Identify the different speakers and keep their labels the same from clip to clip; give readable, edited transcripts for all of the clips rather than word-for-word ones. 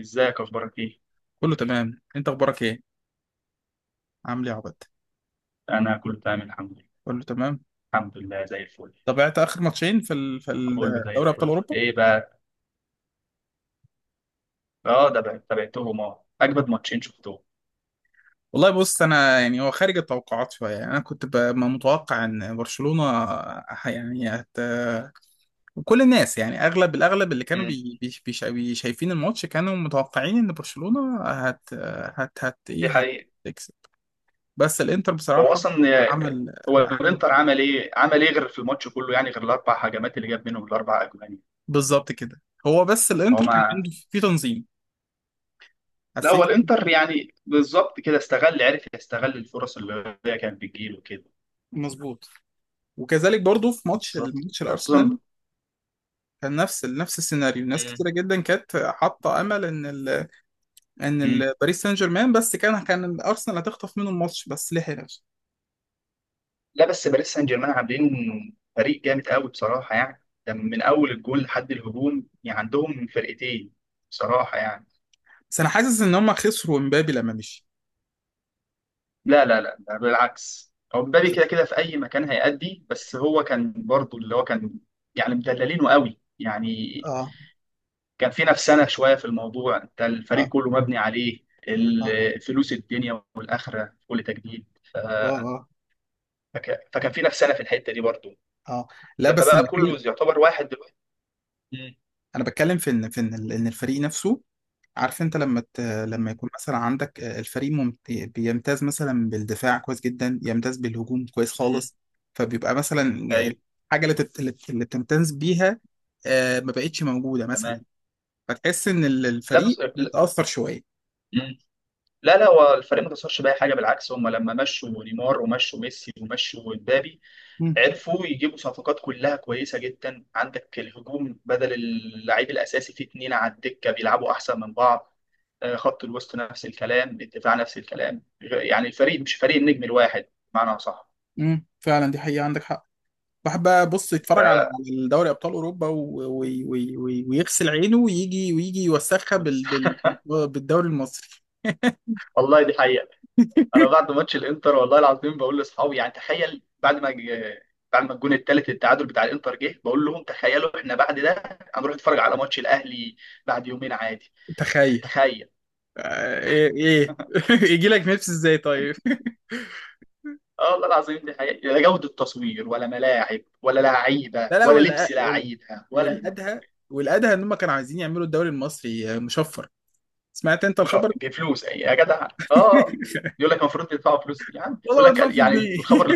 Speaker 1: ازيك؟ اخبارك ايه؟
Speaker 2: كله تمام. انت اخبارك ايه؟ عامل ايه يا عبد؟
Speaker 1: انا كله تمام الحمد لله.
Speaker 2: كله تمام.
Speaker 1: الحمد لله، زي الفل.
Speaker 2: تابعت اخر ماتشين في ال-
Speaker 1: كله زي
Speaker 2: دوري ابطال
Speaker 1: الفل.
Speaker 2: اوروبا؟
Speaker 1: ايه بقى؟ اه، ده بقى تابعتهم. اه، اجمد ماتشين شفتهم.
Speaker 2: والله بص، انا يعني هو خارج التوقعات شويه. يعني انا كنت ما متوقع ان برشلونه ه- يعني هت... كل الناس، يعني اغلب الاغلب اللي كانوا
Speaker 1: امم
Speaker 2: شايفين الماتش كانوا متوقعين ان برشلونه هت
Speaker 1: دي
Speaker 2: ايه
Speaker 1: حقيقة.
Speaker 2: هتكسب. بس الانتر
Speaker 1: هو
Speaker 2: بصراحه
Speaker 1: اصلا
Speaker 2: عمل
Speaker 1: هو
Speaker 2: عمل
Speaker 1: الانتر عمل ايه غير في الماتش كله؟ يعني غير الاربع هجمات اللي جاب منهم الاربع اجوان.
Speaker 2: بالظبط كده. هو بس
Speaker 1: هو
Speaker 2: الانتر كان
Speaker 1: ما...
Speaker 2: عنده في تنظيم،
Speaker 1: لا، هو
Speaker 2: حسيت.
Speaker 1: الانتر يعني بالظبط كده عرف يستغل الفرص اللي هي كانت بتجيله كده.
Speaker 2: مظبوط. وكذلك برضو في ماتش
Speaker 1: بالظبط. خصوصا.
Speaker 2: الارسنال، كان نفس السيناريو. ناس كتيره جدا كانت حاطه امل ان ال ان
Speaker 1: مم.
Speaker 2: ال باريس سان جيرمان، بس كان الارسنال هتخطف منه الماتش بس لحق نفسه.
Speaker 1: لا، بس باريس سان جيرمان عاملين فريق جامد قوي، بصراحه. يعني ده من اول الجول لحد الهجوم، يعني عندهم فرقتين، بصراحه يعني.
Speaker 2: بس انا حاسس ان هم خسروا امبابي لما مشي.
Speaker 1: لا لا لا، ده بالعكس. هو
Speaker 2: مش-
Speaker 1: مبابي كده كده في اي مكان هيأدي، بس هو كان برضو اللي هو كان. يعني مدللينه قوي يعني.
Speaker 2: اه.
Speaker 1: كان في نفسنا شويه في الموضوع، انت
Speaker 2: اه.
Speaker 1: الفريق كله مبني عليه
Speaker 2: اه
Speaker 1: الفلوس، الدنيا والاخره كل تجديد.
Speaker 2: اه اه,
Speaker 1: فكان في نفسنا في الحته دي برضو.
Speaker 2: آه. لا
Speaker 1: لما
Speaker 2: بس انا
Speaker 1: بقى
Speaker 2: بتكلم.
Speaker 1: كله يعتبر واحد دلوقتي. م-
Speaker 2: انا بتكلم في إن الفريق نفسه، عارف انت؟
Speaker 1: م-
Speaker 2: لما يكون مثلا عندك، الفريق بيمتاز مثلا بالدفاع كويس جدا، يمتاز بالهجوم كويس
Speaker 1: م.
Speaker 2: خالص، فبيبقى مثلا
Speaker 1: ايوه،
Speaker 2: الحاجه اللي, تت... اللي بتمتاز بيها، ما بقتش موجوده مثلا،
Speaker 1: تمام.
Speaker 2: فتحس ان
Speaker 1: لا
Speaker 2: الفريق
Speaker 1: بس.
Speaker 2: اتاثر شويه.
Speaker 1: مم. لا لا، هو الفريق ما خسرش باي حاجه. بالعكس، هم لما مشوا نيمار ومشوا ميسي ومشوا مبابي
Speaker 2: امم.
Speaker 1: عرفوا يجيبوا صفقات كلها كويسه جدا. عندك الهجوم بدل اللعيب الاساسي في اتنين على الدكه بيلعبوا احسن من بعض. خط الوسط نفس الكلام، الدفاع نفس الكلام، يعني الفريق مش فريق النجم الواحد. بمعنى صح.
Speaker 2: امم، فعلا دي حقيقه، عندك حق. واحد بقى بص
Speaker 1: ف...
Speaker 2: يتفرج على على دوري ابطال اوروبا و ويغسل عينه ويجي يوسخها
Speaker 1: بس
Speaker 2: بالدوري المصري.
Speaker 1: والله دي حقيقه. انا بعد ماتش الانتر والله العظيم بقول لاصحابي، يعني تخيل، بعد ما الجون الثالث التعادل بتاع الانتر جه، بقول لهم تخيلوا احنا بعد ده هنروح نتفرج على ماتش الاهلي بعد يومين عادي. يعني
Speaker 2: تخيل.
Speaker 1: تخيل.
Speaker 2: آه، ايه ايه يجي لك نفس ازاي طيب؟
Speaker 1: اه والله العظيم دي حقيقة. لا جودة تصوير ولا ملاعب ولا لعيبة
Speaker 2: لا لا،
Speaker 1: ولا لبس لعيبة ولا.
Speaker 2: والادهى، والادهى ان هم كانوا عايزين يعملوا الدوري المصري، مشفر. سمعت انت
Speaker 1: مش عارف-
Speaker 2: الخبر ده؟
Speaker 1: بفلوس يا جدع. اه، يقول لك المفروض تدفعوا فلوس. يعني
Speaker 2: والله
Speaker 1: يقول
Speaker 2: ما
Speaker 1: لك،
Speaker 2: ادفع فيه
Speaker 1: يعني
Speaker 2: جنيه.
Speaker 1: الخبر،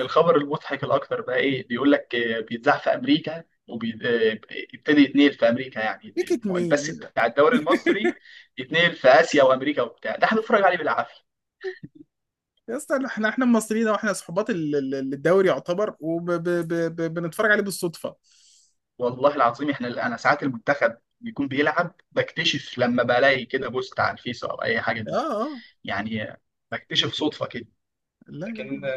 Speaker 1: الخبر المضحك الاكتر بقى ايه، بيقول لك بيتذاع في امريكا، وابتدي يتنقل في امريكا، يعني
Speaker 2: بيكت
Speaker 1: البث
Speaker 2: مين؟
Speaker 1: بتاع الدوري المصري يتنقل في اسيا وامريكا وبتاع ده، احنا بنتفرج عليه بالعافيه.
Speaker 2: يا اسطى، احنا، احنا مصريين، واحنا صحبات الدوري يعتبر، وبنتفرج عليه بالصدفه.
Speaker 1: والله العظيم احنا، انا ساعات المنتخب بيكون بيلعب بكتشف لما بلاقي كده بوست على الفيس او اي حاجه
Speaker 2: اه.
Speaker 1: دي.
Speaker 2: اه.
Speaker 1: يعني بكتشف صدفه كده.
Speaker 2: لا لا
Speaker 1: لكن
Speaker 2: لا.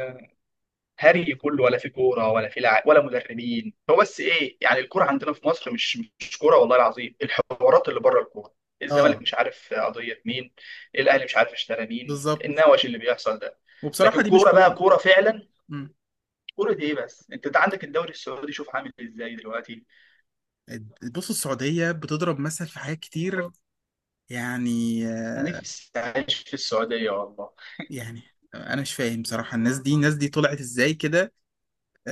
Speaker 1: هري كله، ولا في كوره ولا ولا مدربين. هو بس ايه يعني، الكوره عندنا في مصر مش كوره، والله العظيم. الحوارات اللي بره الكوره، الزمالك
Speaker 2: اه،
Speaker 1: مش عارف قضيه مين، الاهلي مش عارف اشترى مين،
Speaker 2: بالظبط.
Speaker 1: النوش اللي بيحصل ده.
Speaker 2: وبصراحه
Speaker 1: لكن
Speaker 2: دي مش
Speaker 1: كوره بقى
Speaker 2: كوره.
Speaker 1: كوره فعلا.
Speaker 2: مم.
Speaker 1: كوره دي ايه بس؟ انت ده عندك الدوري السعودي، شوف عامل ازاي دلوقتي.
Speaker 2: بص، السعوديه بتضرب مثل في حاجات كتير، يعني.
Speaker 1: انا
Speaker 2: آه،
Speaker 1: نفسي اعيش في السعوديه والله.
Speaker 2: يعني انا مش فاهم بصراحه، الناس دي، الناس دي طلعت ازاي كده؟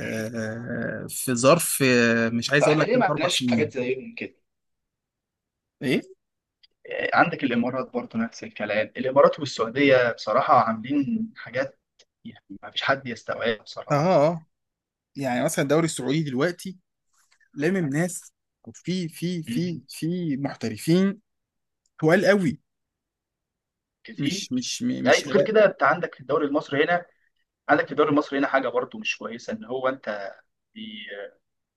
Speaker 2: في ظرف، آه، مش عايز اقول
Speaker 1: احنا
Speaker 2: لك
Speaker 1: ليه ما
Speaker 2: ثلاث اربع
Speaker 1: عندناش حاجات
Speaker 2: سنين.
Speaker 1: زيهم كده؟
Speaker 2: ايه.
Speaker 1: عندك الامارات برضه نفس الكلام، الامارات والسعوديه بصراحه عاملين حاجات يعني ما فيش حد يستوعبها
Speaker 2: اه.
Speaker 1: بصراحه.
Speaker 2: اه، يعني مثلا الدوري السعودي دلوقتي لامم
Speaker 1: يعني.
Speaker 2: ناس، في في
Speaker 1: مم.
Speaker 2: في في محترفين تقال قوي، مش
Speaker 1: كتير.
Speaker 2: مش م-
Speaker 1: يعني
Speaker 2: مش
Speaker 1: غير
Speaker 2: هلاقي.
Speaker 1: كده انت عندك في الدوري المصري هنا، عندك في الدوري المصري هنا حاجه برضه مش كويسه، ان هو انت بي-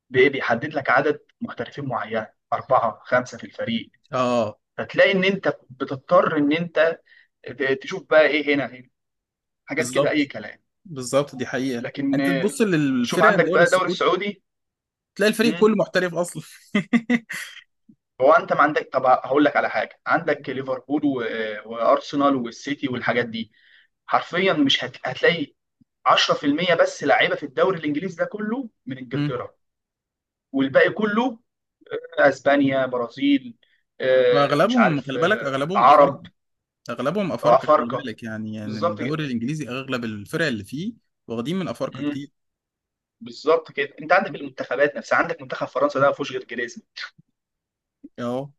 Speaker 1: بيحدد لك عدد محترفين معين، أربعة خمسة في الفريق.
Speaker 2: اه،
Speaker 1: فتلاقي إن أنت بتضطر إن أنت تشوف بقى إيه هنا. حاجات كده أي
Speaker 2: بالظبط.
Speaker 1: كلام.
Speaker 2: بالظبط دي حقيقه.
Speaker 1: لكن
Speaker 2: انت تبص
Speaker 1: شوف
Speaker 2: للفرق
Speaker 1: عندك
Speaker 2: الدوري
Speaker 1: بقى الدوري
Speaker 2: السعودي
Speaker 1: السعودي.
Speaker 2: تلاقي الفريق كله محترف اصلا.
Speaker 1: هو انت ما عندك. طب هقول لك على حاجه، عندك ليفربول وارسنال والسيتي والحاجات دي، حرفيا مش هتلاقي 10% بس لعيبه في الدوري الانجليزي ده كله من
Speaker 2: مم.
Speaker 1: انجلترا، والباقي كله اسبانيا، برازيل، مش
Speaker 2: واغلبهم
Speaker 1: عارف،
Speaker 2: خلي بالك، اغلبهم افارقه.
Speaker 1: عرب
Speaker 2: اغلبهم
Speaker 1: او
Speaker 2: افارقه، خلي
Speaker 1: افارقه.
Speaker 2: بالك يعني، يعني
Speaker 1: بالظبط كده.
Speaker 2: الدوري الانجليزي اغلب الفرق اللي فيه واخدين من افارقه
Speaker 1: مم،
Speaker 2: كتير.
Speaker 1: بالظبط كده. انت عندك المنتخبات نفسها، عندك منتخب فرنسا ده ما فيهوش غير جريزمان.
Speaker 2: اه،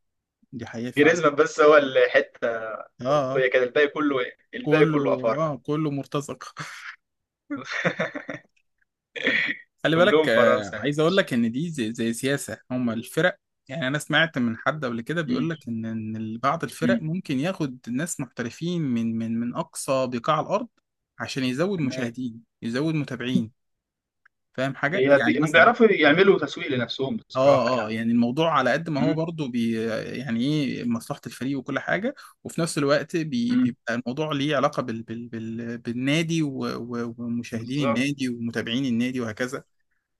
Speaker 2: دي حقيقه فعلا.
Speaker 1: جريزمان بس هو الحته
Speaker 2: اه. آه.
Speaker 1: الاوروبيه كده، الباقي كله إيه؟ الباقي
Speaker 2: كله.
Speaker 1: كله افارقه.
Speaker 2: اه، كله مرتزق. خلي بالك،
Speaker 1: كلهم
Speaker 2: آه،
Speaker 1: فرنسا يا
Speaker 2: عايز اقول
Speaker 1: باشا.
Speaker 2: لك ان دي زي سياسه هم الفرق. يعني انا سمعت من حد قبل كده بيقول لك ان بعض الفرق
Speaker 1: مم.
Speaker 2: ممكن ياخد ناس محترفين من اقصى بقاع الارض عشان يزود
Speaker 1: تمام.
Speaker 2: مشاهدين، يزود متابعين. فاهم حاجه؟
Speaker 1: هي
Speaker 2: يعني
Speaker 1: بي- هم
Speaker 2: مثلا،
Speaker 1: بيعرفوا يعملوا تسويق لنفسهم بصراحة
Speaker 2: اه، اه،
Speaker 1: يعني.
Speaker 2: يعني الموضوع على قد ما هو
Speaker 1: مم.
Speaker 2: برضه يعني ايه مصلحة الفريق وكل حاجة. وفي نفس الوقت
Speaker 1: مم.
Speaker 2: بيبقى الموضوع ليه علاقة بالنادي، و ومشاهدين
Speaker 1: بالظبط،
Speaker 2: النادي ومتابعين النادي وهكذا.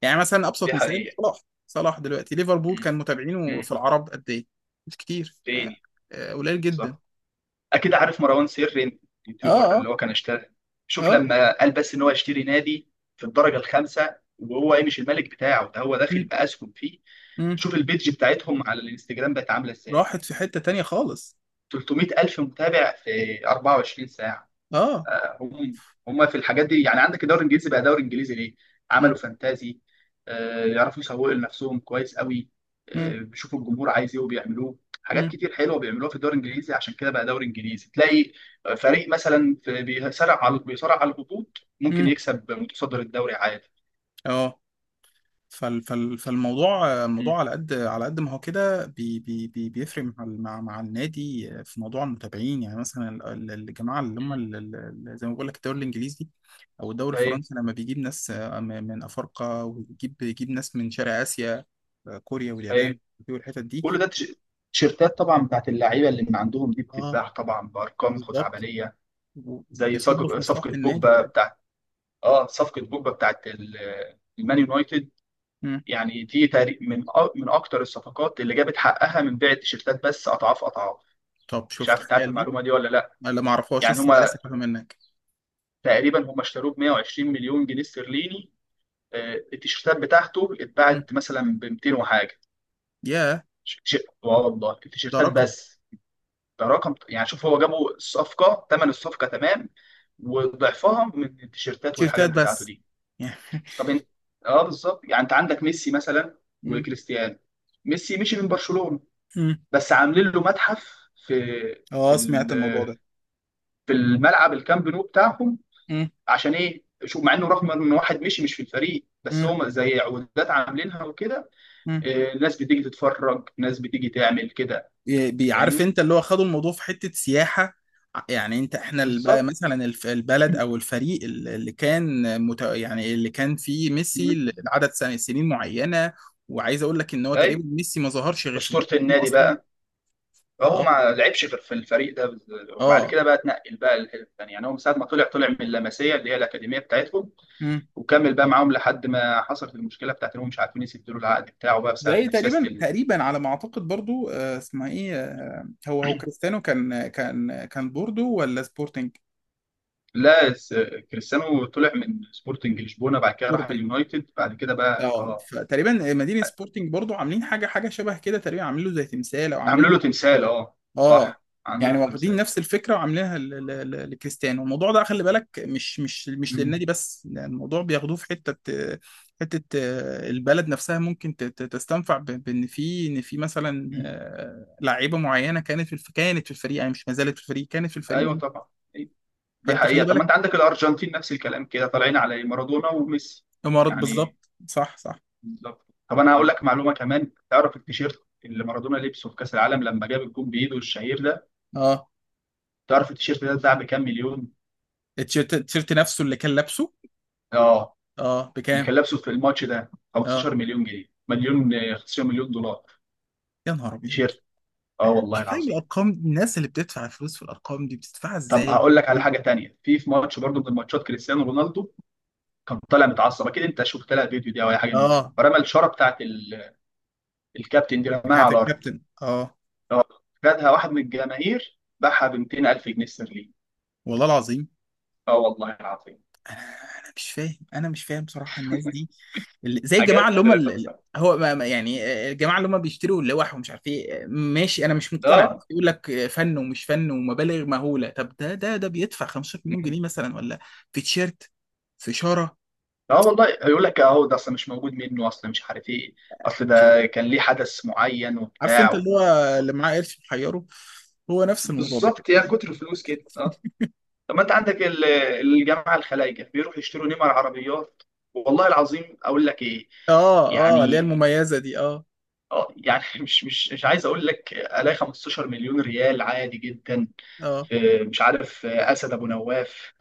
Speaker 2: يعني مثلا أبسط
Speaker 1: دي
Speaker 2: مثال،
Speaker 1: حقيقة.
Speaker 2: صلاح. صلاح دلوقتي ليفربول،
Speaker 1: مم.
Speaker 2: كان متابعينه في
Speaker 1: مم.
Speaker 2: العرب قد ايه؟ مش كتير. آه،
Speaker 1: تاني.
Speaker 2: آه، قليل جدا.
Speaker 1: صح. أكيد عارف مروان سري،
Speaker 2: اه.
Speaker 1: اليوتيوبر
Speaker 2: اه.
Speaker 1: اللي هو كان اشتغل. شوف
Speaker 2: اه.
Speaker 1: لما قال بس إن هو يشتري نادي في الدرجة الخامسة، وهو إيه، مش الملك بتاعه ده، هو داخل
Speaker 2: مم.
Speaker 1: بأسهم فيه.
Speaker 2: مم.
Speaker 1: شوف البيدج بتاعتهم على الانستجرام بقت عاملة إزاي،
Speaker 2: راحت في حتة تانية خالص.
Speaker 1: 300 ألف متابع في 24 ساعة.
Speaker 2: اه.
Speaker 1: آه، هم هم في الحاجات دي. يعني عندك الدوري الانجليزي، بقى دوري انجليزي ليه؟
Speaker 2: مم.
Speaker 1: عملوا فانتازي. يعرفوا يسوقوا لنفسهم كويس قوي.
Speaker 2: مم.
Speaker 1: بيشوفوا الجمهور عايز ايه وبيعملوه. حاجات
Speaker 2: مم.
Speaker 1: كتير حلوه بيعملوها في الدوري الانجليزي، عشان كده بقى دوري انجليزي. تلاقي فريق مثلا في، بيصارع على، بيصارع على الهبوط، ممكن
Speaker 2: مم.
Speaker 1: يكسب متصدر الدوري عادي.
Speaker 2: اه، فال فال فالموضوع،
Speaker 1: مم.
Speaker 2: الموضوع على قد ما هو كده بي بي بي بيفرق مع مع النادي في موضوع المتابعين. يعني مثلا الجماعه اللي هم
Speaker 1: مم.
Speaker 2: زي ما بقول لك، الدوري الانجليزي او الدوري
Speaker 1: ايوه،
Speaker 2: الفرنسي لما بيجيب ناس، آه، من افارقه، بيجيب ناس من شرق اسيا، آه، كوريا واليابان
Speaker 1: ايوه.
Speaker 2: والحتت دي.
Speaker 1: كل ده تيشيرتات طبعا بتاعت اللعيبه اللي من عندهم دي،
Speaker 2: اه،
Speaker 1: بتتباع طبعا بارقام
Speaker 2: بالظبط.
Speaker 1: خزعبليه.
Speaker 2: و
Speaker 1: زي
Speaker 2: وبيصب في
Speaker 1: صج-
Speaker 2: مصلحه
Speaker 1: صفقه
Speaker 2: النادي في
Speaker 1: بوجبا.
Speaker 2: الاخر.
Speaker 1: اه صفقه بوجبا بتاعت المان يونايتد.
Speaker 2: مم.
Speaker 1: يعني دي تقريبا من اكتر الصفقات اللي جابت حقها من بيع التيشيرتات، بس اضعاف اضعاف.
Speaker 2: طب
Speaker 1: مش
Speaker 2: شفت
Speaker 1: عارف انت عارف
Speaker 2: خيال دي؟
Speaker 1: المعلومه دي ولا لا.
Speaker 2: انا ما اعرفهاش
Speaker 1: يعني
Speaker 2: لسه،
Speaker 1: هما
Speaker 2: لسه فاهم منك.
Speaker 1: تقريبا هما اشتروه ب 120 مليون جنيه استرليني. التيشيرتات بتاعته
Speaker 2: مم.
Speaker 1: اتباعت مثلا ب 200 وحاجه.
Speaker 2: ياه.
Speaker 1: ش- ش- اه والله
Speaker 2: ده
Speaker 1: التيشيرتات
Speaker 2: رقم.
Speaker 1: بس. ده رقم يعني. شوف هو جابوا الصفقه، ثمن الصفقه تمام وضعفها من التيشيرتات والحاجات
Speaker 2: تيشيرتات
Speaker 1: بتاعته
Speaker 2: بس؟
Speaker 1: دي. طب انت، اه بالظبط. يعني انت عندك ميسي مثلا
Speaker 2: مم.
Speaker 1: وكريستيانو. ميسي مشي من برشلونة،
Speaker 2: مم.
Speaker 1: بس عاملين له متحف في
Speaker 2: اه، سمعت الموضوع
Speaker 1: ال-
Speaker 2: ده.
Speaker 1: في الملعب الكامب نو بتاعهم.
Speaker 2: مم.
Speaker 1: عشان ايه؟ شوف، مع انه رغم ان واحد مشي مش في الفريق، بس
Speaker 2: مم.
Speaker 1: هم زي عقودات عاملينها وكده.
Speaker 2: مم.
Speaker 1: الناس بتيجي تتفرج، الناس بتيجي تعمل كده.
Speaker 2: بيعرف
Speaker 1: فاهمني.
Speaker 2: انت، اللي هو خدوا الموضوع في حتة سياحة. يعني انت، احنا
Speaker 1: بالظبط.
Speaker 2: مثلا البلد او الفريق اللي يعني اللي كان فيه
Speaker 1: مم.
Speaker 2: ميسي لعدد سنين معينة. وعايز اقول لك ان هو تقريبا
Speaker 1: اي،
Speaker 2: ميسي ما ظهرش غير في برشلونة
Speaker 1: اسطورة النادي
Speaker 2: اصلا.
Speaker 1: بقى. فهو
Speaker 2: اه.
Speaker 1: ما لعبش غير في الفريق ده وبعد
Speaker 2: اه.
Speaker 1: كده بقى اتنقل بقى للفرقة الثانية. يعني هو من ساعة ما طلع من اللمسية، اللي هي الأكاديمية بتاعتهم،
Speaker 2: مم.
Speaker 1: وكمل بقى معاهم لحد ما حصلت المشكلة بتاعت إنهم مش عارفين يسدوا له العقد بتاعه، بقى بسبب
Speaker 2: زي
Speaker 1: إن سياسة
Speaker 2: تقريبا، تقريبا على ما اعتقد برضو، آه، اسمها ايه، آه، هو كريستيانو كان بوردو ولا سبورتنج؟
Speaker 1: لا كريستيانو طلع من سبورتنج لشبونة، بعد كده راح اليونايتد، بعد كده بقى
Speaker 2: اه،
Speaker 1: اه
Speaker 2: فتقريبا مدينة سبورتنج برضو عاملين حاجة شبه كده، تقريبا عاملين له زي تمثال او عاملين
Speaker 1: عملوا
Speaker 2: له.
Speaker 1: له تمثال. اه
Speaker 2: اه،
Speaker 1: صح عملوا
Speaker 2: يعني
Speaker 1: له
Speaker 2: واخدين
Speaker 1: تمثال.
Speaker 2: نفس الفكرة وعاملينها لكريستيانو. الموضوع ده خلي بالك مش
Speaker 1: مم.
Speaker 2: للنادي بس، يعني الموضوع بياخدوه في حتة آه، البلد نفسها ممكن تستنفع بان في مثلا،
Speaker 1: مم.
Speaker 2: آه، لعيبة معينة كانت في الفريق. يعني مش ما زالت في الفريق، كانت في الفريق.
Speaker 1: ايوه طبعا. أيوة. دي
Speaker 2: فانت خلي
Speaker 1: حقيقة. طب ما
Speaker 2: بالك.
Speaker 1: انت عندك الأرجنتين نفس الكلام كده، طالعين على مارادونا وميسي،
Speaker 2: امارات،
Speaker 1: يعني.
Speaker 2: بالظبط. صح، صح.
Speaker 1: بالظبط. طب انا هقول لك معلومه كمان. تعرف التيشيرت اللي مارادونا لبسه في كاس العالم، لما جاب الجون بايده الشهير ده؟
Speaker 2: اه،
Speaker 1: تعرف التيشيرت ده اتباع بكام مليون؟
Speaker 2: التيشيرت، نفسه اللي كان لابسه؟
Speaker 1: اه
Speaker 2: اه،
Speaker 1: اللي
Speaker 2: بكام؟
Speaker 1: كان لابسه في الماتش ده،
Speaker 2: اه،
Speaker 1: 15 مليون جنيه، مليون 15 مليون دولار.
Speaker 2: يا نهار ابيض.
Speaker 1: تيشيرت. اه
Speaker 2: انا مش
Speaker 1: والله
Speaker 2: فاهم
Speaker 1: العظيم.
Speaker 2: الارقام دي، الناس اللي بتدفع فلوس في الارقام دي بتدفعها
Speaker 1: طب
Speaker 2: ازاي؟
Speaker 1: هقول لك على
Speaker 2: دي.
Speaker 1: حاجه تانية، في ماتش برضه من الماتشات، كريستيانو رونالدو كان طالع متعصب. اكيد انت شفت لها فيديو دي او اي حاجه من دي.
Speaker 2: اه.
Speaker 1: فرمى الشاره بتاعت الكابتن دي، رماها على
Speaker 2: بتاعت
Speaker 1: الارض.
Speaker 2: الكابتن، اه.
Speaker 1: اه خدها واحد من الجماهير، باعها ب 200,000 جنيه استرليني.
Speaker 2: والله العظيم.
Speaker 1: اه والله العظيم.
Speaker 2: انا، انا مش فاهم، انا مش فاهم بصراحه الناس دي، زي الجماعه
Speaker 1: حاجات
Speaker 2: اللي هم اللي اللي-
Speaker 1: فلسفه
Speaker 2: هو ما- ما- يعني آه، الجماعه اللي هم بيشتروا اللوح ومش عارف ايه، آه، ماشي، انا مش
Speaker 1: ده.
Speaker 2: مقتنع. بس يقول لك آه، فن ومش فن، ومبالغ مهوله. طب ده بيدفع 15 مليون
Speaker 1: مم.
Speaker 2: جنيه مثلا ولا في تيشيرت، في شاره؟
Speaker 1: اه والله هيقول لك اهو ده اصل مش موجود منه، اصل مش عارف ايه، اصل ده كان ليه حدث معين
Speaker 2: عارف
Speaker 1: وبتاع
Speaker 2: انت اللي هو
Speaker 1: و...
Speaker 2: اللي معاه قرش محيره، هو نفس الموضوع ده.
Speaker 1: بالظبط، يا كتر فلوس كده. اه طب ما انت عندك الجماعه الخلايجه بيروحوا يشتروا نمر عربيات. والله العظيم اقول لك ايه.
Speaker 2: اه. اه، اللي هي
Speaker 1: يعني.
Speaker 2: المميزة دي، اه.
Speaker 1: اه يعني مش عايز اقول لك، الاقي 15 مليون ريال عادي جدا.
Speaker 2: اه.
Speaker 1: مش عارف، اسد ابو نواف،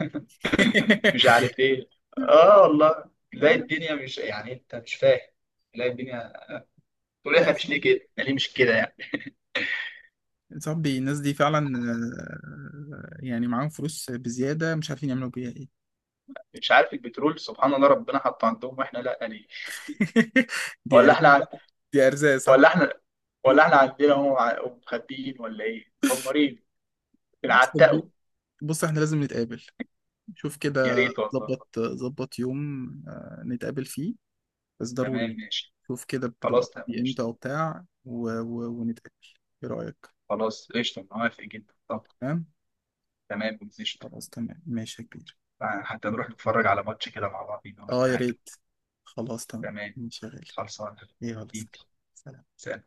Speaker 1: مش عارف ايه. اه والله
Speaker 2: لا
Speaker 1: تلاقي
Speaker 2: لا
Speaker 1: الدنيا، مش يعني، انت مش فاهم. تلاقي الدنيا، تقول
Speaker 2: لا،
Speaker 1: احنا
Speaker 2: يا
Speaker 1: مش ليه
Speaker 2: صاحبي.
Speaker 1: كده، احنا ليه مش كده يعني.
Speaker 2: يا صاحبي الناس دي فعلا، آه، يعني معاهم فلوس بزيادة مش عارفين يعملوا بيها ايه.
Speaker 1: مش عارف، البترول سبحان الله ربنا حطه عندهم واحنا لا. ليه؟
Speaker 2: دي
Speaker 1: ولا
Speaker 2: ارزاق
Speaker 1: احنا
Speaker 2: بقى. دي ارزاق، صح.
Speaker 1: ولا احنا ولا احنا عندنا هم مخبيين ولا ايه مكمرين،
Speaker 2: بص يا
Speaker 1: بنعتقوا.
Speaker 2: كبير. بص، احنا لازم نتقابل. شوف
Speaker 1: يا
Speaker 2: كده،
Speaker 1: ريت والله.
Speaker 2: ظبط يوم، آه، نتقابل فيه، بس ضروري
Speaker 1: تمام
Speaker 2: يعني.
Speaker 1: ماشي.
Speaker 2: شوف كده بتبقى
Speaker 1: خلاص
Speaker 2: فاضي
Speaker 1: تمام
Speaker 2: امتى،
Speaker 1: قشطة.
Speaker 2: وبتاع ونتقابل. ايه رأيك؟
Speaker 1: خلاص قشطة موافق جدا. طب.
Speaker 2: تمام.
Speaker 1: تمام قشطة.
Speaker 2: خلاص، تمام، ماشي يا كبير.
Speaker 1: حتى نروح نتفرج على ماتش كده مع بعضينا ولا
Speaker 2: اه، يا
Speaker 1: حاجة.
Speaker 2: ريت. خلاص، تمام،
Speaker 1: تمام
Speaker 2: ماشي يا غالي.
Speaker 1: خلصان
Speaker 2: إيه، يلا سلام.
Speaker 1: حبيبي.
Speaker 2: سلام.
Speaker 1: سلام